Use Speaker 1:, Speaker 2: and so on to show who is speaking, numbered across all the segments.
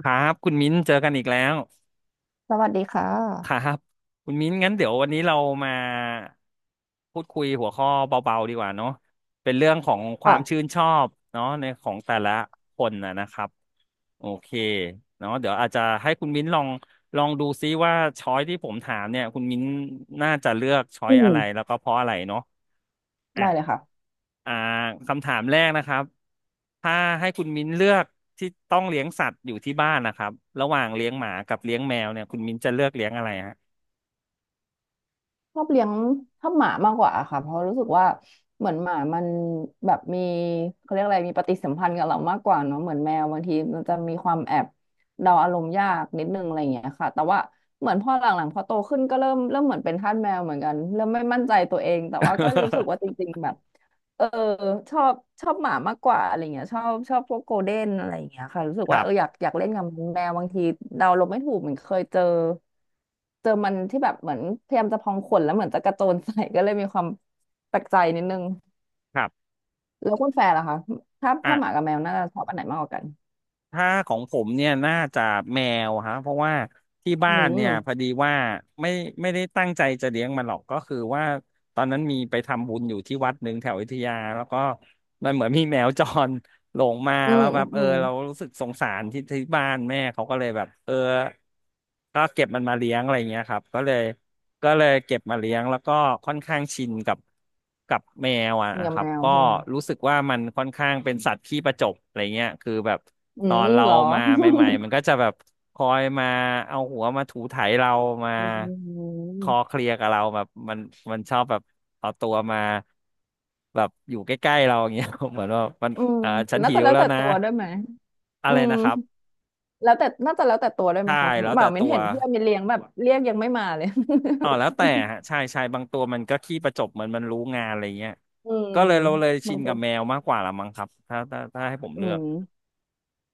Speaker 1: ครับคุณมิ้นเจอกันอีกแล้ว
Speaker 2: สวัสดีค่
Speaker 1: ครั
Speaker 2: ะ
Speaker 1: บคุณมิ้นงั้นเดี๋ยววันนี้เรามาพูดคุยหัวข้อเบาๆดีกว่าเนาะเป็นเรื่องของความชื่
Speaker 2: ค่ะ
Speaker 1: นชอบเนาะในของแต่ละคนนะนะครับโอเคเนาะเดี๋ยวอาจจะให้คุณมิ้นลองดูซิว่าช้อยที่ผมถามเนี่ยคุณมิ้นน่าจะเลือกช้อ
Speaker 2: อื
Speaker 1: ยอะไร
Speaker 2: ม
Speaker 1: แล้วก็เพราะอะไรเนาะ อ่ะ
Speaker 2: ได้เลยค่ะ
Speaker 1: อ่าคำถามแรกนะครับ ถ้าให้คุณมิ้นเลือกที่ต้องเลี้ยงสัตว์อยู่ที่บ้านนะครับระหว่างเลี้ยงหมากับเลี้ยงแมวเนี่ยคุณมิ้นจะเลือกเลี้ยงอะไรฮะ
Speaker 2: ชอบเลี้ยงชอบหมามากกว่าค่ะเพราะรู้สึกว่าเหมือนหมามันแบบมีเขาเรียกอะไรมีปฏิสัมพันธ์กับเรามากกว่าเนาะเหมือนแมวบางทีมันจะมีความแอบเดาอารมณ์ยากนิดนึงอะไรอย่างเงี้ยค่ะแต่ว่าเหมือนพอหลังๆพอโตขึ้นก็เริ่มเหมือนเป็นทาสแมวเหมือนกันเริ่มไม่มั่นใจตัวเองแต่ว่าก็รู้สึกว่าจริงๆแบบ เออชอบชอบหมามากกว่าอะไรเงี้ยชอบพวกโกลเด้นอะไรอย่างเงี้ยค่ะรู้สึ ก
Speaker 1: ค
Speaker 2: ว่า
Speaker 1: รั
Speaker 2: เอออยา
Speaker 1: บ
Speaker 2: กอยากเล่นกับแมวบางทีเดาลมไม่ถูกเหมือนเคยเจอมันที่แบบเหมือนพยายามจะพองขนแล้วเหมือนจะกระโจนใส่ก็เลยมีความแปลกใจนิดนึง
Speaker 1: ครับ
Speaker 2: แล้วคุณแฟร์ล่ะคะถ้า
Speaker 1: อ่ะ
Speaker 2: หมากับแมวน่าจะชอบอันไหนมากกว่ากัน
Speaker 1: ถ้าของผมเนี่ยน่าจะแมวฮะเพราะว่าที่
Speaker 2: อื
Speaker 1: บ้านเนี่ยพอ
Speaker 2: ม
Speaker 1: ดีว่าไม่ไม่ได้ตั้งใจจะเลี้ยงมันหรอกก็คือว่าตอนนั้นมีไปทำบุญอยู่ที่วัดหนึ่งแถวอยุธยาแล้วก็มันเหมือนมีแมวจร หลงมา
Speaker 2: อื
Speaker 1: แล้
Speaker 2: ม
Speaker 1: วแบ
Speaker 2: อืม
Speaker 1: บเอ
Speaker 2: อื
Speaker 1: อ
Speaker 2: ม
Speaker 1: เรารู้สึกสงสารที่บ้านแม่เขาก็เลยแบบเออก็เก็บมันมาเลี้ยงอะไรเงี้ยครับก็เลยเก็บมาเลี้ยงแล้วก็ค่อนข้างชินกับแมวอ่ะ
Speaker 2: กินกั
Speaker 1: ค
Speaker 2: บ
Speaker 1: รั
Speaker 2: แม
Speaker 1: บ
Speaker 2: ว
Speaker 1: ก็
Speaker 2: ใช่ไหม
Speaker 1: รู้สึกว่ามันค่อนข้างเป็นสัตว์ขี้ประจบอะไรเงี้ยคือแบบ
Speaker 2: อื
Speaker 1: ตอน
Speaker 2: ม
Speaker 1: เรา
Speaker 2: เหรอ
Speaker 1: มาใหม่ๆมันก็จะแบบคอยมาเอาหัวมาถูไถเรามา
Speaker 2: อื
Speaker 1: คอ
Speaker 2: ม
Speaker 1: เคลียร์กับเราแบบมันชอบแบบเอาตัวมาแบบอยู่ใกล้ๆเราอย่างเงี้ย เหมือนว่ามัน
Speaker 2: อืม
Speaker 1: อ่าฉัน
Speaker 2: น่า
Speaker 1: หิ
Speaker 2: จะ
Speaker 1: ว
Speaker 2: แล้ว
Speaker 1: แล้ว
Speaker 2: แต่
Speaker 1: นะ
Speaker 2: ตัวด้วยไหม
Speaker 1: อะ
Speaker 2: อื
Speaker 1: ไร
Speaker 2: ม
Speaker 1: นะครับ
Speaker 2: แล้วแต่น่าจะแล้วแต่ตัวด้วยไหม
Speaker 1: ใช่
Speaker 2: คะ
Speaker 1: แล้ว
Speaker 2: เหมา
Speaker 1: แต่
Speaker 2: มิ
Speaker 1: ตั
Speaker 2: น
Speaker 1: ว
Speaker 2: เห็นเพื่อนมินเลี้ยงแบบ เรียกยังไม่มาเลย
Speaker 1: อ๋อแล้วแต่ฮะใช่ใช่บางตัวมันก็ขี้ประจบเหมือนมันรู้งานอะไรเงี้ย
Speaker 2: อืม
Speaker 1: ก็เลยเราเลยชิ
Speaker 2: บาง
Speaker 1: น
Speaker 2: ค
Speaker 1: กับ
Speaker 2: น
Speaker 1: แมวมากกว่าละมั้งครับถ้าให้ผม
Speaker 2: อื
Speaker 1: เลือก
Speaker 2: ม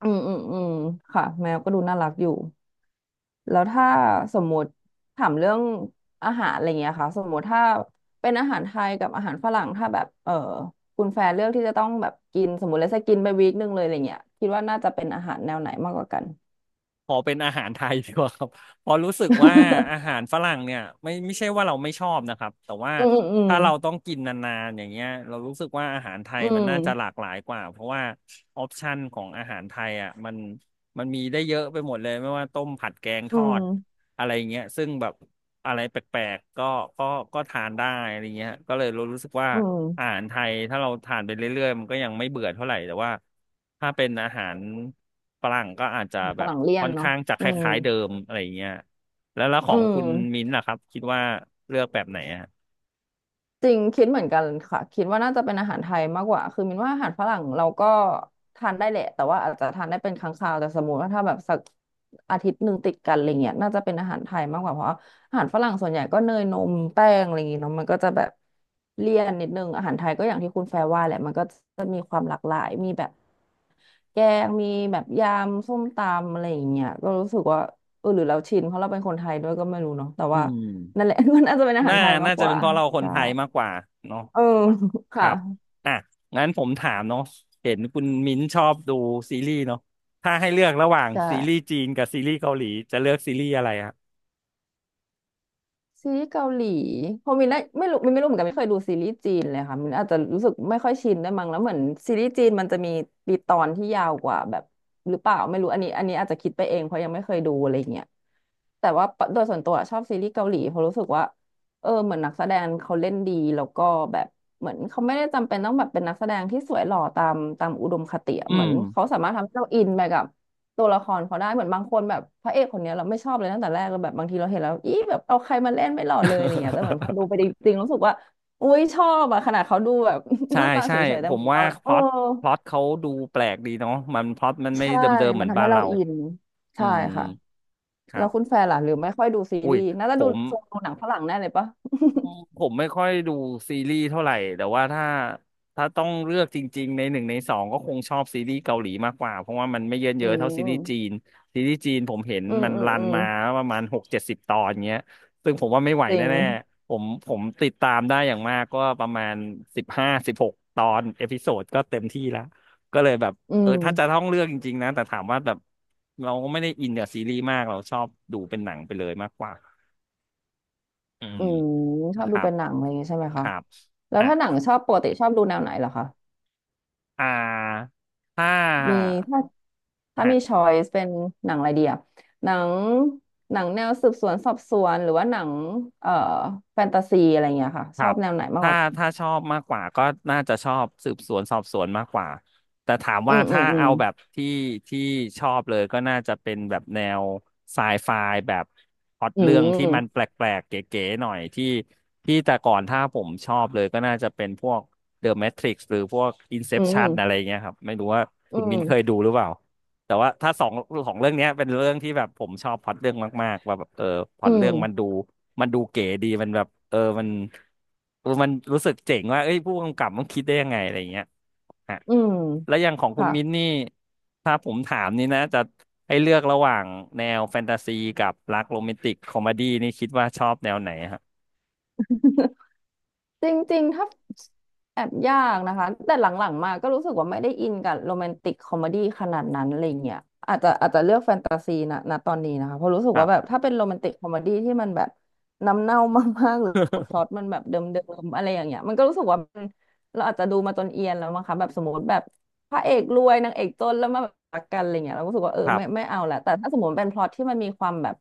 Speaker 2: อืมค่ะแมวก็ดูน่ารักอยู่แล้วถ้าสมมติถามเรื่องอาหารอะไรเงี้ยค่ะสมมติถ้าเป็นอาหารไทยกับอาหารฝรั่งถ้าแบบเออคุณแฟนเลือกที่จะต้องแบบกินสมมติแล้วจะกินไปวีคหนึ่งเลยอะไรเงี้ยคิดว่าน่าจะเป็นอาหารแนวไหนมากกว่ากัน
Speaker 1: ขอเป็นอาหารไทยดีกว่าครับ เพราะรู้สึกว่าอาหาร ฝรั่งเนี่ยไม่ใช่ว่าเราไม่ชอบนะครับแต่ว่า
Speaker 2: อืม
Speaker 1: ถ้าเราต้องกินนานๆอย่างเงี้ยเรารู้สึกว่าอาหารไท
Speaker 2: อื
Speaker 1: ยมันน่าจะหลา
Speaker 2: ม
Speaker 1: กหลายกว่าเพราะว่าออปชันของอาหารไทยอ่ะมันมีได้เยอะไปหมดเลยไม่ว่าต้มผัดแกงท
Speaker 2: อื
Speaker 1: อ
Speaker 2: ม
Speaker 1: ดอะไรเงี้ยซึ่งแบบอะไรแปลกๆก็ก็ทานได้อะไรเงี้ยก็เลยรู้สึกว่า
Speaker 2: อื
Speaker 1: อา
Speaker 2: ม
Speaker 1: หารไทยถ้าเราทานไปเรื่อยๆมันก็ยังไม่เบื่อเท่าไหร่แต่ว่าถ้าเป็นอาหารฝรั่งก็อาจจะ
Speaker 2: อืมฝ
Speaker 1: แบบ
Speaker 2: รั่งเลี่ย
Speaker 1: ค่
Speaker 2: น
Speaker 1: อน
Speaker 2: เนาะ
Speaker 1: ข้างจะค
Speaker 2: อืม
Speaker 1: ล้ายๆเดิมอะไรอย่างเงี้ยแล้วข
Speaker 2: อื
Speaker 1: องคุณ
Speaker 2: ม
Speaker 1: มิ้นท์ล่ะครับคิดว่าเลือกแบบไหนอะ
Speaker 2: จริงคิดเหมือนกันค่ะคิดว่าน่าจะเป็นอาหารไทยมากกว่าคือมินว่าอาหารฝรั่งเราก็ทานได้แหละแต่ว่าอาจจะทานได้เป็นครั้งคราวแต่สมมติว่าถ้าแบบสักอาทิตย์หนึ่งติดกันอะไรเงี้ยน่าจะเป็นอาหารไทยมากกว่าเพราะอาหารฝรั่งส่วนใหญ่ก็เนยนมแป้งอะไรอย่างงี้เนาะมันก็จะแบบเลี่ยนนิดนึงอาหารไทยก็อย่างที่คุณแฟร์ว่าแหละมันก็จะมีความหลากหลายมีแบบแกงมีแบบยำส้มตำอะไรอย่างเงี้ยก็รู้สึกว่าเออหรือเราชินเพราะเราเป็นคนไทยด้วยก็ไม่รู้เนาะแต่
Speaker 1: อื
Speaker 2: ว่า
Speaker 1: ม
Speaker 2: นั่นแหละ ก็น่าจะเป็นอาหา
Speaker 1: น่า
Speaker 2: รไทยมา
Speaker 1: น่า
Speaker 2: กก
Speaker 1: จะเป็
Speaker 2: ว่า
Speaker 1: นเพราะเราคน
Speaker 2: ใช่
Speaker 1: ไทยมากกว่าเนาะ
Speaker 2: เออ
Speaker 1: ค
Speaker 2: ค่ะ
Speaker 1: รับอ่ะงั้นผมถามเนาะเห็นคุณมิ้นท์ชอบดูซีรีส์เนาะถ้าให้เลือกระหว่าง
Speaker 2: ใช่
Speaker 1: ซีรีส์จีนกับซีรีส์เกาหลีจะเลือกซีรีส์อะไรอะ
Speaker 2: ซีรีส์เกาหลีพอมินได้ไม่รู้มินไม่รู้เหมือนกันไม่เคยดูซีรีส์จีนเลยค่ะมินอาจจะรู้สึกไม่ค่อยชินได้วยมั้งแล้วเหมือนซีรีส์จีนมันจะมีปีตอนที่ยาวกว่าแบบหรือเปล่าไม่รู้อันนี้อาจจะคิดไปเองเพราะยังไม่เคยดูอะไรเงี้ยแต่ว่าโดยส่วนตัวชอบซีรีส์เกาหลีเพราะรู้สึกว่าเออเหมือนนักแสดงเขาเล่นดีแล้วก็แบบเหมือนเขาไม่ได้จำเป็นต้องแบบเป็นนักแสดงที่สวยหล่อตามอุดมคติอะ
Speaker 1: อื
Speaker 2: เหมื
Speaker 1: ม
Speaker 2: อนเขาสามารถทำให้เราอินไปกับ ตัวละครเขาได้เหมือนบางคนแบบพระเอกคนเนี้ยเราไม่ชอบเลยตั้งแต่แรกเราแบบบางทีเราเห็นแล้วอีแบบเอาใครมาเล่นไม่หล่อเลยอะไรเงี้ยแต่เหมือนพอดู ไปจริงๆรู้สึกว่าอุ้ยชอบอะขนาดเขาดูแบบ
Speaker 1: ใช่
Speaker 2: หน้าตาเฉ
Speaker 1: ใช่
Speaker 2: ยๆ
Speaker 1: ผ
Speaker 2: แต่
Speaker 1: ม
Speaker 2: เหมือน
Speaker 1: ว่า
Speaker 2: เรา
Speaker 1: พ
Speaker 2: เออ
Speaker 1: ล็อตพล็อตเขาดูแปลกดีเนาะมันพล็อตมันไม่
Speaker 2: ใช่
Speaker 1: เดิมๆเห
Speaker 2: มั
Speaker 1: มื
Speaker 2: น
Speaker 1: อน
Speaker 2: ทำ
Speaker 1: บ้า
Speaker 2: ให้
Speaker 1: น
Speaker 2: เรา
Speaker 1: เรา
Speaker 2: อิน
Speaker 1: อื
Speaker 2: ใช่
Speaker 1: ม
Speaker 2: ค่ะ
Speaker 1: ค
Speaker 2: แล้
Speaker 1: รั
Speaker 2: ว
Speaker 1: บ
Speaker 2: คุณแฟนล่ะหรือไม่ค่อยดูซี
Speaker 1: อุ้
Speaker 2: รี
Speaker 1: ย
Speaker 2: ส์น่าจะ
Speaker 1: ผ
Speaker 2: ดู
Speaker 1: ม
Speaker 2: ดูหนังฝรั่งแน่เลยปะ
Speaker 1: ผมไม่ค่อยดูซีรีส์เท่าไหร่แต่ว่าถ้าต้องเลือกจริงๆในหนึ่งในสองก็คงชอบซีรีส์เกาหลีมากกว่าเพราะว่ามันไม่เยินเย
Speaker 2: อื
Speaker 1: อะเท่าซีรีส์จีน
Speaker 2: ม
Speaker 1: ซีรีส์จีนผมเห็น
Speaker 2: อืม
Speaker 1: มัน
Speaker 2: อืม
Speaker 1: รัน
Speaker 2: อืม
Speaker 1: มาประมาณ60-70 ตอนเงี้ยซึ่งผมว่าไม่ไหว
Speaker 2: จริง
Speaker 1: แน่ๆผมติดตามได้อย่างมากก็ประมาณ15-16 ตอนเอพิโซดก็เต็มที่ละก็เลยแบบ
Speaker 2: อื
Speaker 1: เออ
Speaker 2: ม
Speaker 1: ถ้าจะต้องเลือกจริงๆนะแต่ถามว่าแบบเราก็ไม่ได้อินกับซีรีส์มากเราชอบดูเป็นหนังไปเลยมากกว่าอืม
Speaker 2: อืมชอ
Speaker 1: ค
Speaker 2: บดู
Speaker 1: รับ
Speaker 2: เป็นหนังอะไรอย่างงี้ใช่ไหม
Speaker 1: ค
Speaker 2: คะ
Speaker 1: รับ
Speaker 2: แล้ว
Speaker 1: อ่ะ
Speaker 2: ถ้าหนังชอบปกติชอบดูแนวไหนเหรอคะ
Speaker 1: อ่าถ้า
Speaker 2: มีถ้าถ้า
Speaker 1: ฮะ
Speaker 2: มีช้อยส์เป็นหนังอะไรดีอะหนังหนังแนวสืบสวนสอบสวนหรือว่าหนังเอ่อแฟนตาซีอะไรเงี้ยค่ะ
Speaker 1: ค
Speaker 2: ช
Speaker 1: รั
Speaker 2: อบ
Speaker 1: บ
Speaker 2: แนวไหนมาก
Speaker 1: ถ้า
Speaker 2: กว่า
Speaker 1: ถ้าชอบมากกว่าก็น่าจะชอบสืบสวนสอบสวนมากกว่า แต่ถาม
Speaker 2: อื
Speaker 1: ว่า
Speaker 2: มอื
Speaker 1: ถ้า
Speaker 2: มอืม
Speaker 1: เอาแบบที่ชอบเลยก็น่าจะเป็นแบบแนวไซไฟแบบพล็อต
Speaker 2: อื
Speaker 1: เรื่องที่มันแป
Speaker 2: ม
Speaker 1: ลกๆ เก๋ๆหน่อยที่ที่แต่ก่อนถ้าผมชอบเลยก็น่าจะเป็นพวก The Matrix หรือพวก
Speaker 2: อื
Speaker 1: Inception อะไร
Speaker 2: ม
Speaker 1: เงี้ยครับไม่รู้ว่า
Speaker 2: อื
Speaker 1: คุณมินเคย
Speaker 2: ม
Speaker 1: ดูหรือเปล่า แต่ว่าถ้าสองของเรื่องเนี้ยเป็นเรื่องที่แบบผมชอบพล็อตเรื่องมากๆว่าแบบเออพล็อ
Speaker 2: อื
Speaker 1: ตเรื่องมัน
Speaker 2: ม
Speaker 1: ดูมันดูเก๋ดีมันแบบเออมันเออมันรู้สึกเจ๋งว่าเอ้ยผู้กำกับมันคิดได้ยังไงอะไรอย่างเงี้ยฮะ
Speaker 2: อืมอืม
Speaker 1: แล้วอย่างของคุณ
Speaker 2: ค่ะ
Speaker 1: มิ้นนี่ถ้าผมถามนี่นะจะให้เลือกระหว่างแนวแฟนตาซีกับรักโรแมนติกคอมดี้นี่คิดว่าชอบแนวไหนฮะ
Speaker 2: จริงๆ ถ้าแอบยากนะคะแต่หลังๆมาก็รู้สึกว่าไม่ได้อินกับโรแมนติกคอมเมดี้ขนาดนั้นอะไรเงี้ยอาจจะเลือกแฟนตาซีนะณตอนนี้นะคะเพราะรู้สึ
Speaker 1: ค
Speaker 2: ก
Speaker 1: รั
Speaker 2: ว่า
Speaker 1: บ
Speaker 2: แบบถ้าเป็นโรแมนติกคอมเมดี้ที่มันแบบน้ำเน่ามากๆหรือพล็อต มันแบบเดิมๆอะไรอย่างเงี้ยมันก็รู้สึกว่ามันเราอาจจะดูมาจนเอียนแล้วมั้งคะแบบสมมติแบบพระเอกรวยนางเอกจนแล้วมาแบบรักกันอะไรเงี้ยเราก็รู้สึกว่าเออ
Speaker 1: ครั
Speaker 2: ไม่
Speaker 1: บ
Speaker 2: ไม่เอาแหละแต่ถ้าสมมติเป็นพล็อตที่มันมีความแบบ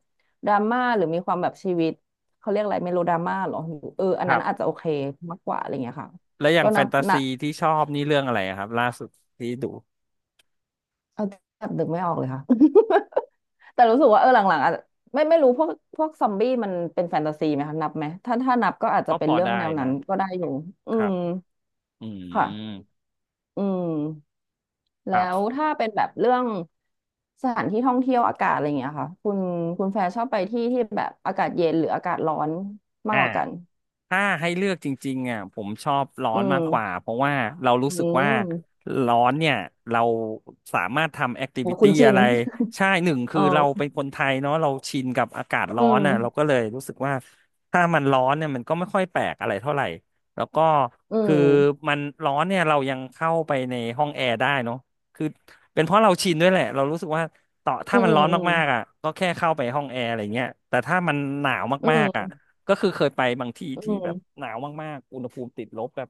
Speaker 2: ดราม่าหรือมีความแบบชีวิต เขาเรียกอะไรเมโลดราม่าเหรอเอออัน
Speaker 1: ค
Speaker 2: นั้
Speaker 1: รั
Speaker 2: นอาจ
Speaker 1: บ
Speaker 2: จะโอเคมากกว่าอะไรเงี้ยค่ะ
Speaker 1: แล้วอย่า
Speaker 2: ก็
Speaker 1: งแฟ
Speaker 2: นับ
Speaker 1: นตาซี
Speaker 2: นะ
Speaker 1: ที่ชอบนี่เรื่องอะไรอะครับล่าสุดที่ดู
Speaker 2: เอาแบบนึกไม่ออกเลยค่ะ แต่รู้สึกว่าเออหลังๆอาจจะไม่รู้พวกซอมบี้มันเป็นแฟนตาซีไหมคะนับไหมถ้านับก็อาจจะ
Speaker 1: ก็
Speaker 2: เป็
Speaker 1: พ
Speaker 2: น
Speaker 1: อ
Speaker 2: เรื่อง
Speaker 1: ได้
Speaker 2: แนวนั้
Speaker 1: นะ
Speaker 2: นก็ได้อยู่อื
Speaker 1: ครั
Speaker 2: ม
Speaker 1: บอืม
Speaker 2: ค่ะอืม
Speaker 1: ค
Speaker 2: แล้
Speaker 1: รั
Speaker 2: ว
Speaker 1: บ
Speaker 2: ถ้าเป็นแบบเรื่องสถานที่ท่องเที่ยวอากาศอะไรอย่างเงี้ยค่ะคุณแฟร์ชอบไปที่ที่แบบอากาศเย็นหรืออากาศร้อนมาก
Speaker 1: อ่า
Speaker 2: กว่ากัน
Speaker 1: ถ้าให้เลือกจริงๆอ่ะผมชอบร้อ
Speaker 2: อื
Speaker 1: นมากกว่า
Speaker 2: ม
Speaker 1: เพราะว่าเรารู้
Speaker 2: อื
Speaker 1: สึกว่า
Speaker 2: ม
Speaker 1: ร้อนเนี่ยเราสามารถทำแอคทิ
Speaker 2: โอ้
Speaker 1: วิ
Speaker 2: คุ
Speaker 1: ตี้
Speaker 2: ณชิ
Speaker 1: อะ
Speaker 2: น
Speaker 1: ไรใช่หนึ่ง คื
Speaker 2: เอ
Speaker 1: อเราเป็น
Speaker 2: อ
Speaker 1: คนไทยเนาะเราชินกับอากาศ
Speaker 2: อื
Speaker 1: ร้อนอ่ะเรา
Speaker 2: ม
Speaker 1: ก็เลยรู้สึกว่าถ้ามันร้อนเนี่ยมันก็ไม่ค่อยแปลกอะไรเท่าไหร่แล้วก็
Speaker 2: อื
Speaker 1: คือ
Speaker 2: ม
Speaker 1: มันร้อนเนี่ยเรายังเข้าไปในห้องแอร์ได้เนาะคือเป็นเพราะเราชินด้วยแหละเรารู้สึกว่าต่อ
Speaker 2: อื
Speaker 1: ถ้ามัน
Speaker 2: ม
Speaker 1: ร้อน
Speaker 2: อืม
Speaker 1: มากๆอ่ะก็แค่เข้าไปห้องแอร์อะไรเงี้ยแต่ถ้ามันหนาว
Speaker 2: อื
Speaker 1: มากๆอ่ะ
Speaker 2: ม
Speaker 1: ก็คือเคยไปบางที่
Speaker 2: อื
Speaker 1: ที่แบบ
Speaker 2: ม
Speaker 1: หนาวมากๆอุณหภูมิติดลบแบบ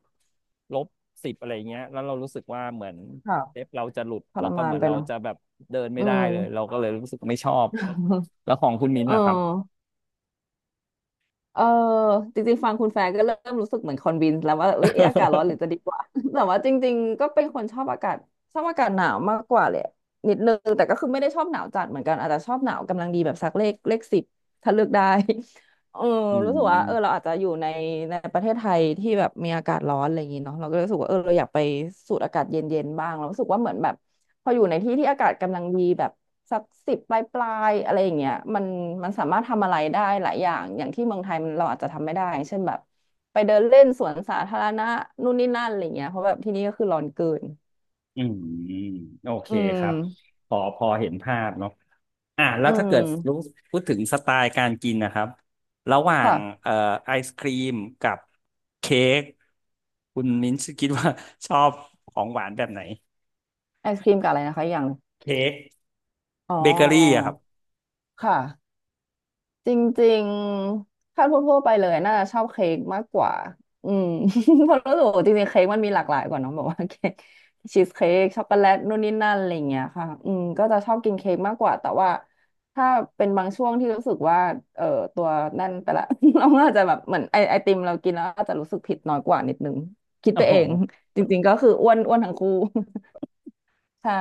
Speaker 1: ลบ10อะไรเงี้ยแล้วเรารู้สึกว่าเหมือน
Speaker 2: ค่ะ
Speaker 1: เล็บเราจะหลุด
Speaker 2: ท
Speaker 1: แล้
Speaker 2: ร
Speaker 1: วก็
Speaker 2: มา
Speaker 1: เห
Speaker 2: น
Speaker 1: มือน
Speaker 2: ไป
Speaker 1: เรา
Speaker 2: เนาะ
Speaker 1: จะแบบเดินไม่
Speaker 2: อื
Speaker 1: ได้
Speaker 2: ม
Speaker 1: เลยเราก็เลยรู้สึกไม่ชอบ แล้วของคุณมิ้น
Speaker 2: เออ
Speaker 1: ท์ล่ะครับ
Speaker 2: เออจริงๆ ฟังคุณแฟร์ก็เริ่มรู้สึกเหมือนคอนวินแล้วว่าเอ้ยเอ๊ะอากาศร้อนหรือจะดีกว่า แต่ว่าจริงๆ ก็เป็นคนชอบอากาศชอบอากาศหนาวมากกว่าเลยนิดนึงแต่ก็คือไม่ได้ชอบหนาวจัดเหมือนกัน อาจจะชอบหนาวกำลังดีแบบสักเลขสิบถ้าเลือกได้ เออ
Speaker 1: อื
Speaker 2: รู้สึกว่าเออ
Speaker 1: ม
Speaker 2: เราอาจจะอยู่ในในประเทศไทยที่แบบมีอากาศร้อนอะไรอย่างงี้เนาะเราก็รู้สึกว่าเออเราอยากไปสูดอากาศเย็นๆบ้างเรารู้สึกว่าเหมือนแบบ พออยู่ในที่ที่อากาศกำลังดีแบบสักสิบปลายอะไรอย่างเงี้ยมันมันสามารถทำอะไรได้หลายอย่างอย่างที่เมืองไทยมันเราอาจจะทำไม่ได้เช่นแบบไปเดินเล่นสวนสาธารณะนู่นนี่นั่นอะไรเงี้ยเพราะแบบที่นี่ก็คือร้อนเกิน
Speaker 1: อืมโอเค
Speaker 2: อื
Speaker 1: ครับ
Speaker 2: ม
Speaker 1: พอพอเห็นภาพเนาะอ่ะแล้
Speaker 2: อื
Speaker 1: วถ้าเกิดรู้
Speaker 2: ม
Speaker 1: พูดถึงสไตล์การกินนะครับระหว่าง
Speaker 2: ค่ะ
Speaker 1: เอ่อไอศครีมกับเค้กคุณมิ้นท์คิดว่า ชอบของหวานแบบไหน
Speaker 2: ไอศครีมกับอะไรนะคะอย่าง
Speaker 1: เค้ก
Speaker 2: อ๋อ
Speaker 1: เบเกอรี่อะครับ
Speaker 2: ค่ะ จริงๆถ้าทั่วๆไปเลยน่าจะชอบเค้กมากกว่าอืม เพราะรู้สึกว่าจริงๆเค้กมันมีหลากหลายกว่าเนองแบบว่าเค้กชีสเค้กช็อกโกแลตนู่นนี่นั่นอะไรอย่างเงี้ยค่ะอืมก็จะชอบกินเค้กมากกว่าแต่ว่าถ้าเป็นบางช่วงที่รู้สึกว่าเอ่อตัวนั่นไปละ เราก็อาจจะแบบเหมือนไอติมเรากินแล้วอาจจะรู้สึกผิดน้อยกว่านิดนึงคิด
Speaker 1: โอ้
Speaker 2: ไป
Speaker 1: โห
Speaker 2: เองจริงๆก็คืออ้วนทั้งคู่ ใช่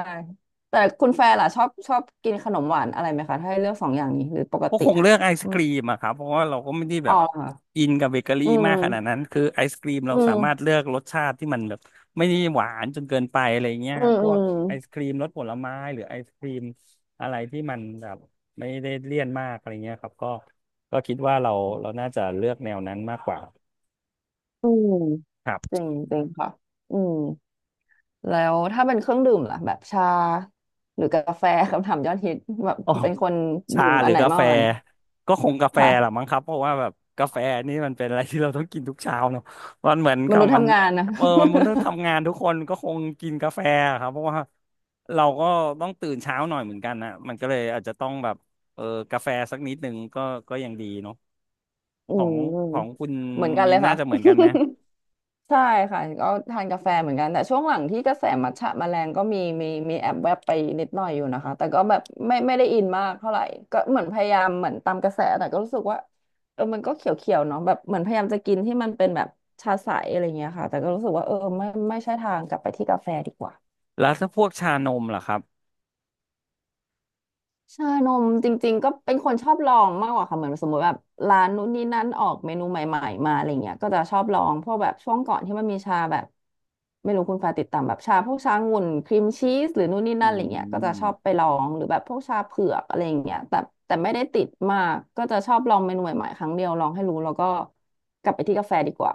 Speaker 2: แต่คุณแฟร์ล่ะชอบกินขนมหวานอะไรไหมคะถ้าให้เลือกสองอย่างนี้หรือปก
Speaker 1: ก็
Speaker 2: ติ
Speaker 1: คงเลือกไอศ
Speaker 2: อื
Speaker 1: กรีมอะครับเพราะว่าเราก็ไม่ได้แบ
Speaker 2: อ๋อ
Speaker 1: บ
Speaker 2: ค่ะ
Speaker 1: อินกับเบเกอ
Speaker 2: อ
Speaker 1: รี่
Speaker 2: อืม
Speaker 1: มากขนาดนั้น คือไอศกรีม
Speaker 2: อื
Speaker 1: เราสามารถ
Speaker 2: ม
Speaker 1: เลือกรสชาติที่มันแบบไม่ได้หวานจนเกินไปอะไรเงี้ย
Speaker 2: อืม
Speaker 1: พ
Speaker 2: อื
Speaker 1: วก
Speaker 2: ม
Speaker 1: ไอศกรีมรสผลไม้หรือไอศกรีมอะไรที่มันแบบไม่ได้เลี่ยนมากอะไรเงี้ยครับก็คิดว่าเราน่าจะเลือกแนวนั้นมากกว่า
Speaker 2: อืม จริงจริงค่ะ อืม แล้วถ้าเป็นเครื่องดื่มล่ะแบบชาหรือกาแฟ คำถามยอดฮิตแบบ
Speaker 1: โอ้
Speaker 2: เป็นคน
Speaker 1: ชา
Speaker 2: ดื่ม
Speaker 1: ห
Speaker 2: อั
Speaker 1: รื
Speaker 2: น
Speaker 1: อ
Speaker 2: ไหน
Speaker 1: กา
Speaker 2: มาก
Speaker 1: แฟ
Speaker 2: กว่ากัน
Speaker 1: ก็คงกาแฟแหละ
Speaker 2: ค่ะ
Speaker 1: มั้งครับเพราะว่าแบบกาแฟนี่มันเป็นอะไรที่เราต้องกินทุกเช้าเนอะมันเหมือน
Speaker 2: ม
Speaker 1: กับ
Speaker 2: นุษย์
Speaker 1: มัน
Speaker 2: ทำงานนะ
Speaker 1: มันต้องทำงานทุกคนก็คงกินกาแฟอะครับเพราะว่าเราก็ต้องตื่นเช้าหน่อยเหมือนกันนะมันก็เลยอาจจะต้องแบบเออกาแฟสักนิดหนึ่งก็ยังดีเนาะ
Speaker 2: อื
Speaker 1: ของ
Speaker 2: ม
Speaker 1: คุณ
Speaker 2: เหมือนกัน
Speaker 1: มิ
Speaker 2: เล
Speaker 1: น
Speaker 2: ย
Speaker 1: น่า
Speaker 2: ค่ะ
Speaker 1: จะเหมือนกันไหม
Speaker 2: ใช่ค่ะก็ทานกาแฟเหมือนกันแต่ช่วงหลังที่กระแสมัทฉะมาแรงก็มีแอบแวบไปนิดหน่อยอยู่นะคะแต่ก็แบบไม่ได้อินมากเท่าไหร่ก็เหมือนพยายามเหมือนตามกระแสแต่ก็รู้สึกว่าเออมันก็เขียวๆเนาะแบบเหมือนพยายามจะกินที่มันเป็นแบบชาใสอะไรเงี้ยค่ะแต่ก็รู้สึกว่าเออไม่ใช่ทางกลับไปที่กาแฟดีกว่า
Speaker 1: แล้วถ้าพวกชานมล่ะครับ
Speaker 2: ชานมจริงๆก็เป็นคนชอบลองมากกว่าค่ะเหมือนสมมติแบบร้านนู้นนี่นั่นออกเมนูใหม่ๆมาอะไรเงี้ยก็จะชอบลองเพราะแบบช่วงก่อนที่มันมีชาแบบไม่รู้คุณฟ้าติดตามแบบชาพวกชางุ่นครีมชีสหรือนู่นนี่
Speaker 1: อื
Speaker 2: นั่นอะไรเงี้ยก็จะชอบไป
Speaker 1: ม
Speaker 2: ลองหรือแบบพวกชาเผือกอะไรเงี้ยแต่แต่ไม่ได้ติดมากก็จะชอบลองเมนูใหม่ๆครั้งเดียวลองให้รู้แล้วก็กลับไปที่กาแฟดีกว่า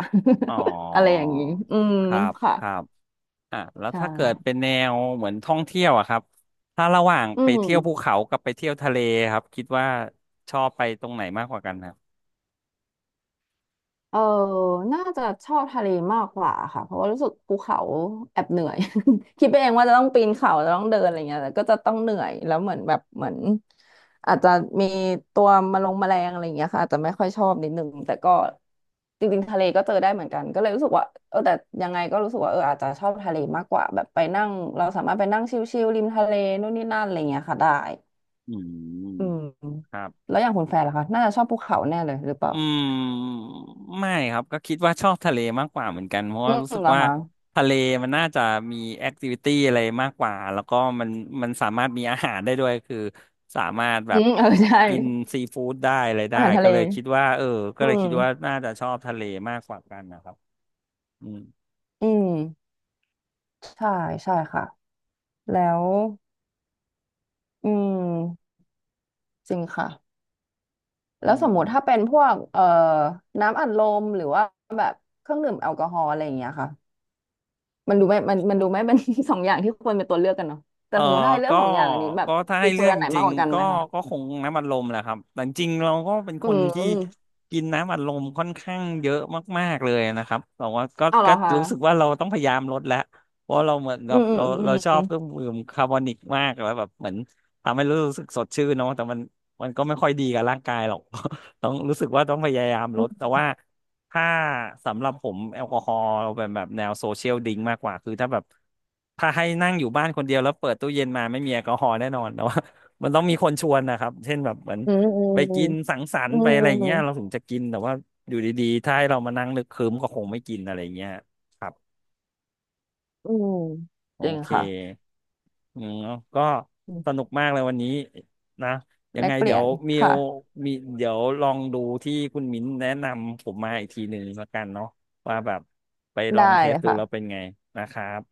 Speaker 1: อ๋อ
Speaker 2: อะไรอย่างนี้อืม
Speaker 1: ครับ
Speaker 2: ค่ะ
Speaker 1: ครับ อ่ะแล้ว
Speaker 2: ใช่
Speaker 1: ถ้าเกิดเป็นแนวเหมือนท่องเที่ยวอะครับถ้าระหว่าง
Speaker 2: อื
Speaker 1: ไปเที่ยว
Speaker 2: ม
Speaker 1: ภูเขากับไปเที่ยวทะเลครับคิดว่าชอบไปตรงไหนมากกว่ากันครับ
Speaker 2: เออน่าจะชอบทะเลมากกว่าค่ะ เพราะว่ารู้สึกภูเขาแอบเหนื่อย คิดไปเองว่าจะต้องปีนเขาจะต้องเดินอะไรเงี้ยแต่ก็จะต้องเหนื่อยแล้วเหมือนแบบเหมือนอาจจะมีตัวมาลงแมลงอะไรเงี้ยค่ะอาจจะไม่ค่อยชอบนิดนึงแต่ก็จริงๆทะเลก็เจอได้เหมือนกันก็เลยรู้สึกว่าเออแต่ยังไงก็รู้สึกว่าเอออาจจะชอบทะเลมากกว่าแบบไปนั่งเราสามารถไปนั่งชิลๆริมทะเลนู่นนี่นั่นอะไรเงี้ยค่ะได้
Speaker 1: อื
Speaker 2: อื
Speaker 1: ม
Speaker 2: ม
Speaker 1: ครับ
Speaker 2: แล้วอย่างคุณแฟนล่ะคะน่าจะชอบภูเขาแน่เลยหรือเปล่า
Speaker 1: อืมไม่ครับก็คิดว่าชอบทะเลมากกว่าเหมือนกันเพราะ
Speaker 2: อื
Speaker 1: ว่า
Speaker 2: ม
Speaker 1: รู้สึก
Speaker 2: เหรอ
Speaker 1: ว่า
Speaker 2: คะ
Speaker 1: ทะเลมันน่าจะมีแอคทิวิตี้อะไรมากกว่าแล้วก็มันสามารถมีอาหารได้ด้วยคือสามารถแบ
Speaker 2: อื
Speaker 1: บ
Speaker 2: มเออใช่
Speaker 1: กินซีฟู้ดได้อะไรได้
Speaker 2: อาหารทะ
Speaker 1: ก็
Speaker 2: เล
Speaker 1: เลยคิดว่าเออก็
Speaker 2: อื
Speaker 1: เลยคิดว่า
Speaker 2: ม
Speaker 1: น่าจะชอบทะเลมากกว่ากันนะครับอืม
Speaker 2: อืมใช่ใช่ค่ะแล้วอืมจริงค่ะ
Speaker 1: อื
Speaker 2: แล้วสมมติถ้า
Speaker 1: ม
Speaker 2: เป็นพวกน้ำอัดลมหรือว่าแบบเครื่องดื่มแอลกอฮอล์อะไรอย่างเงี้ยค่ะมันดูไม่มันดูไม่ เป็น สองอย่างที่ควรเป็นตัวเลือกกันเนาะแต่
Speaker 1: เออ
Speaker 2: สมมติถ้าให้เลือ
Speaker 1: ก็
Speaker 2: กสองอย่างอันนี้แบบ
Speaker 1: ถ้า
Speaker 2: พร
Speaker 1: ให้
Speaker 2: เฟ
Speaker 1: เลื
Speaker 2: อ
Speaker 1: อก
Speaker 2: ร์อัน
Speaker 1: จ
Speaker 2: ไหนมา
Speaker 1: ริ
Speaker 2: ก
Speaker 1: ง
Speaker 2: กว่ากัน
Speaker 1: ๆก็
Speaker 2: ไหมคะ
Speaker 1: คงน้ำอัดลมแหละครับแต่จริงๆเราก็เป็น
Speaker 2: อื
Speaker 1: คนที่
Speaker 2: ม
Speaker 1: กินน้ำอัดลมค่อนข้างเยอะมากๆเลยนะครับแต่ว่าก็
Speaker 2: เอาเหรอคะ
Speaker 1: รู้สึกว่าเราต้องพยายามลดแล้วเพราะเราเหมือน
Speaker 2: อื
Speaker 1: กับ
Speaker 2: มอืม
Speaker 1: เราชอ
Speaker 2: อื
Speaker 1: บ
Speaker 2: ม
Speaker 1: เครื่องดื่มคาร์บอนิกมากแล้วแบบเหมือนทำให้รู้สึกสดชื่นเนาะแต่มันก็ไม่ค่อยดีกับร่างกายหรอก ต้องรู้สึกว่าต้องพยายามลดแต่ว่า ถ้าสำหรับผมแอลกอฮอล์เป็นแบบแนวโซเชียลดริงก์มากกว่าคือถ้าแบบถ้าให้นั่งอยู่บ้านคนเดียวแล้วเปิดตู้เย็นมาไม่มีแอลกอฮอล์แน่นอนแต่ว่า มันต้องมีคนชวนนะครับเช่นแบบเหมือน
Speaker 2: อื
Speaker 1: ไปกิน
Speaker 2: ม
Speaker 1: สังสรร
Speaker 2: อื
Speaker 1: ค์
Speaker 2: ม
Speaker 1: ไปอะไร
Speaker 2: อื
Speaker 1: อ
Speaker 2: ม
Speaker 1: ย่าง
Speaker 2: อื
Speaker 1: เงี้
Speaker 2: ม
Speaker 1: ยเราถึงจะกินแต่ว่าอยู่ดีๆถ้าให้เรามานั่งนึกครึ้มก็คงไม่กินอะไรอย่างเงี้ยครับ
Speaker 2: อืม
Speaker 1: โอ
Speaker 2: จริง
Speaker 1: เค
Speaker 2: ค่ะ
Speaker 1: อืมก็สนุกมากเลยวันนี้นะยั
Speaker 2: แล
Speaker 1: งไง
Speaker 2: กเป
Speaker 1: เดี๋
Speaker 2: ลี่
Speaker 1: ย
Speaker 2: ย
Speaker 1: ว
Speaker 2: น
Speaker 1: มิ
Speaker 2: ค่ะ
Speaker 1: วมีเดี๋ยวลองดูที่คุณมิ้นแนะนำผมมาอีกทีหนึ่งแล้วกันเนาะว่าแบบไปลอ
Speaker 2: ได้
Speaker 1: งเท
Speaker 2: เล
Speaker 1: ส
Speaker 2: ย
Speaker 1: ดู
Speaker 2: ค่ะ
Speaker 1: แล้วเป็นไงนะครับ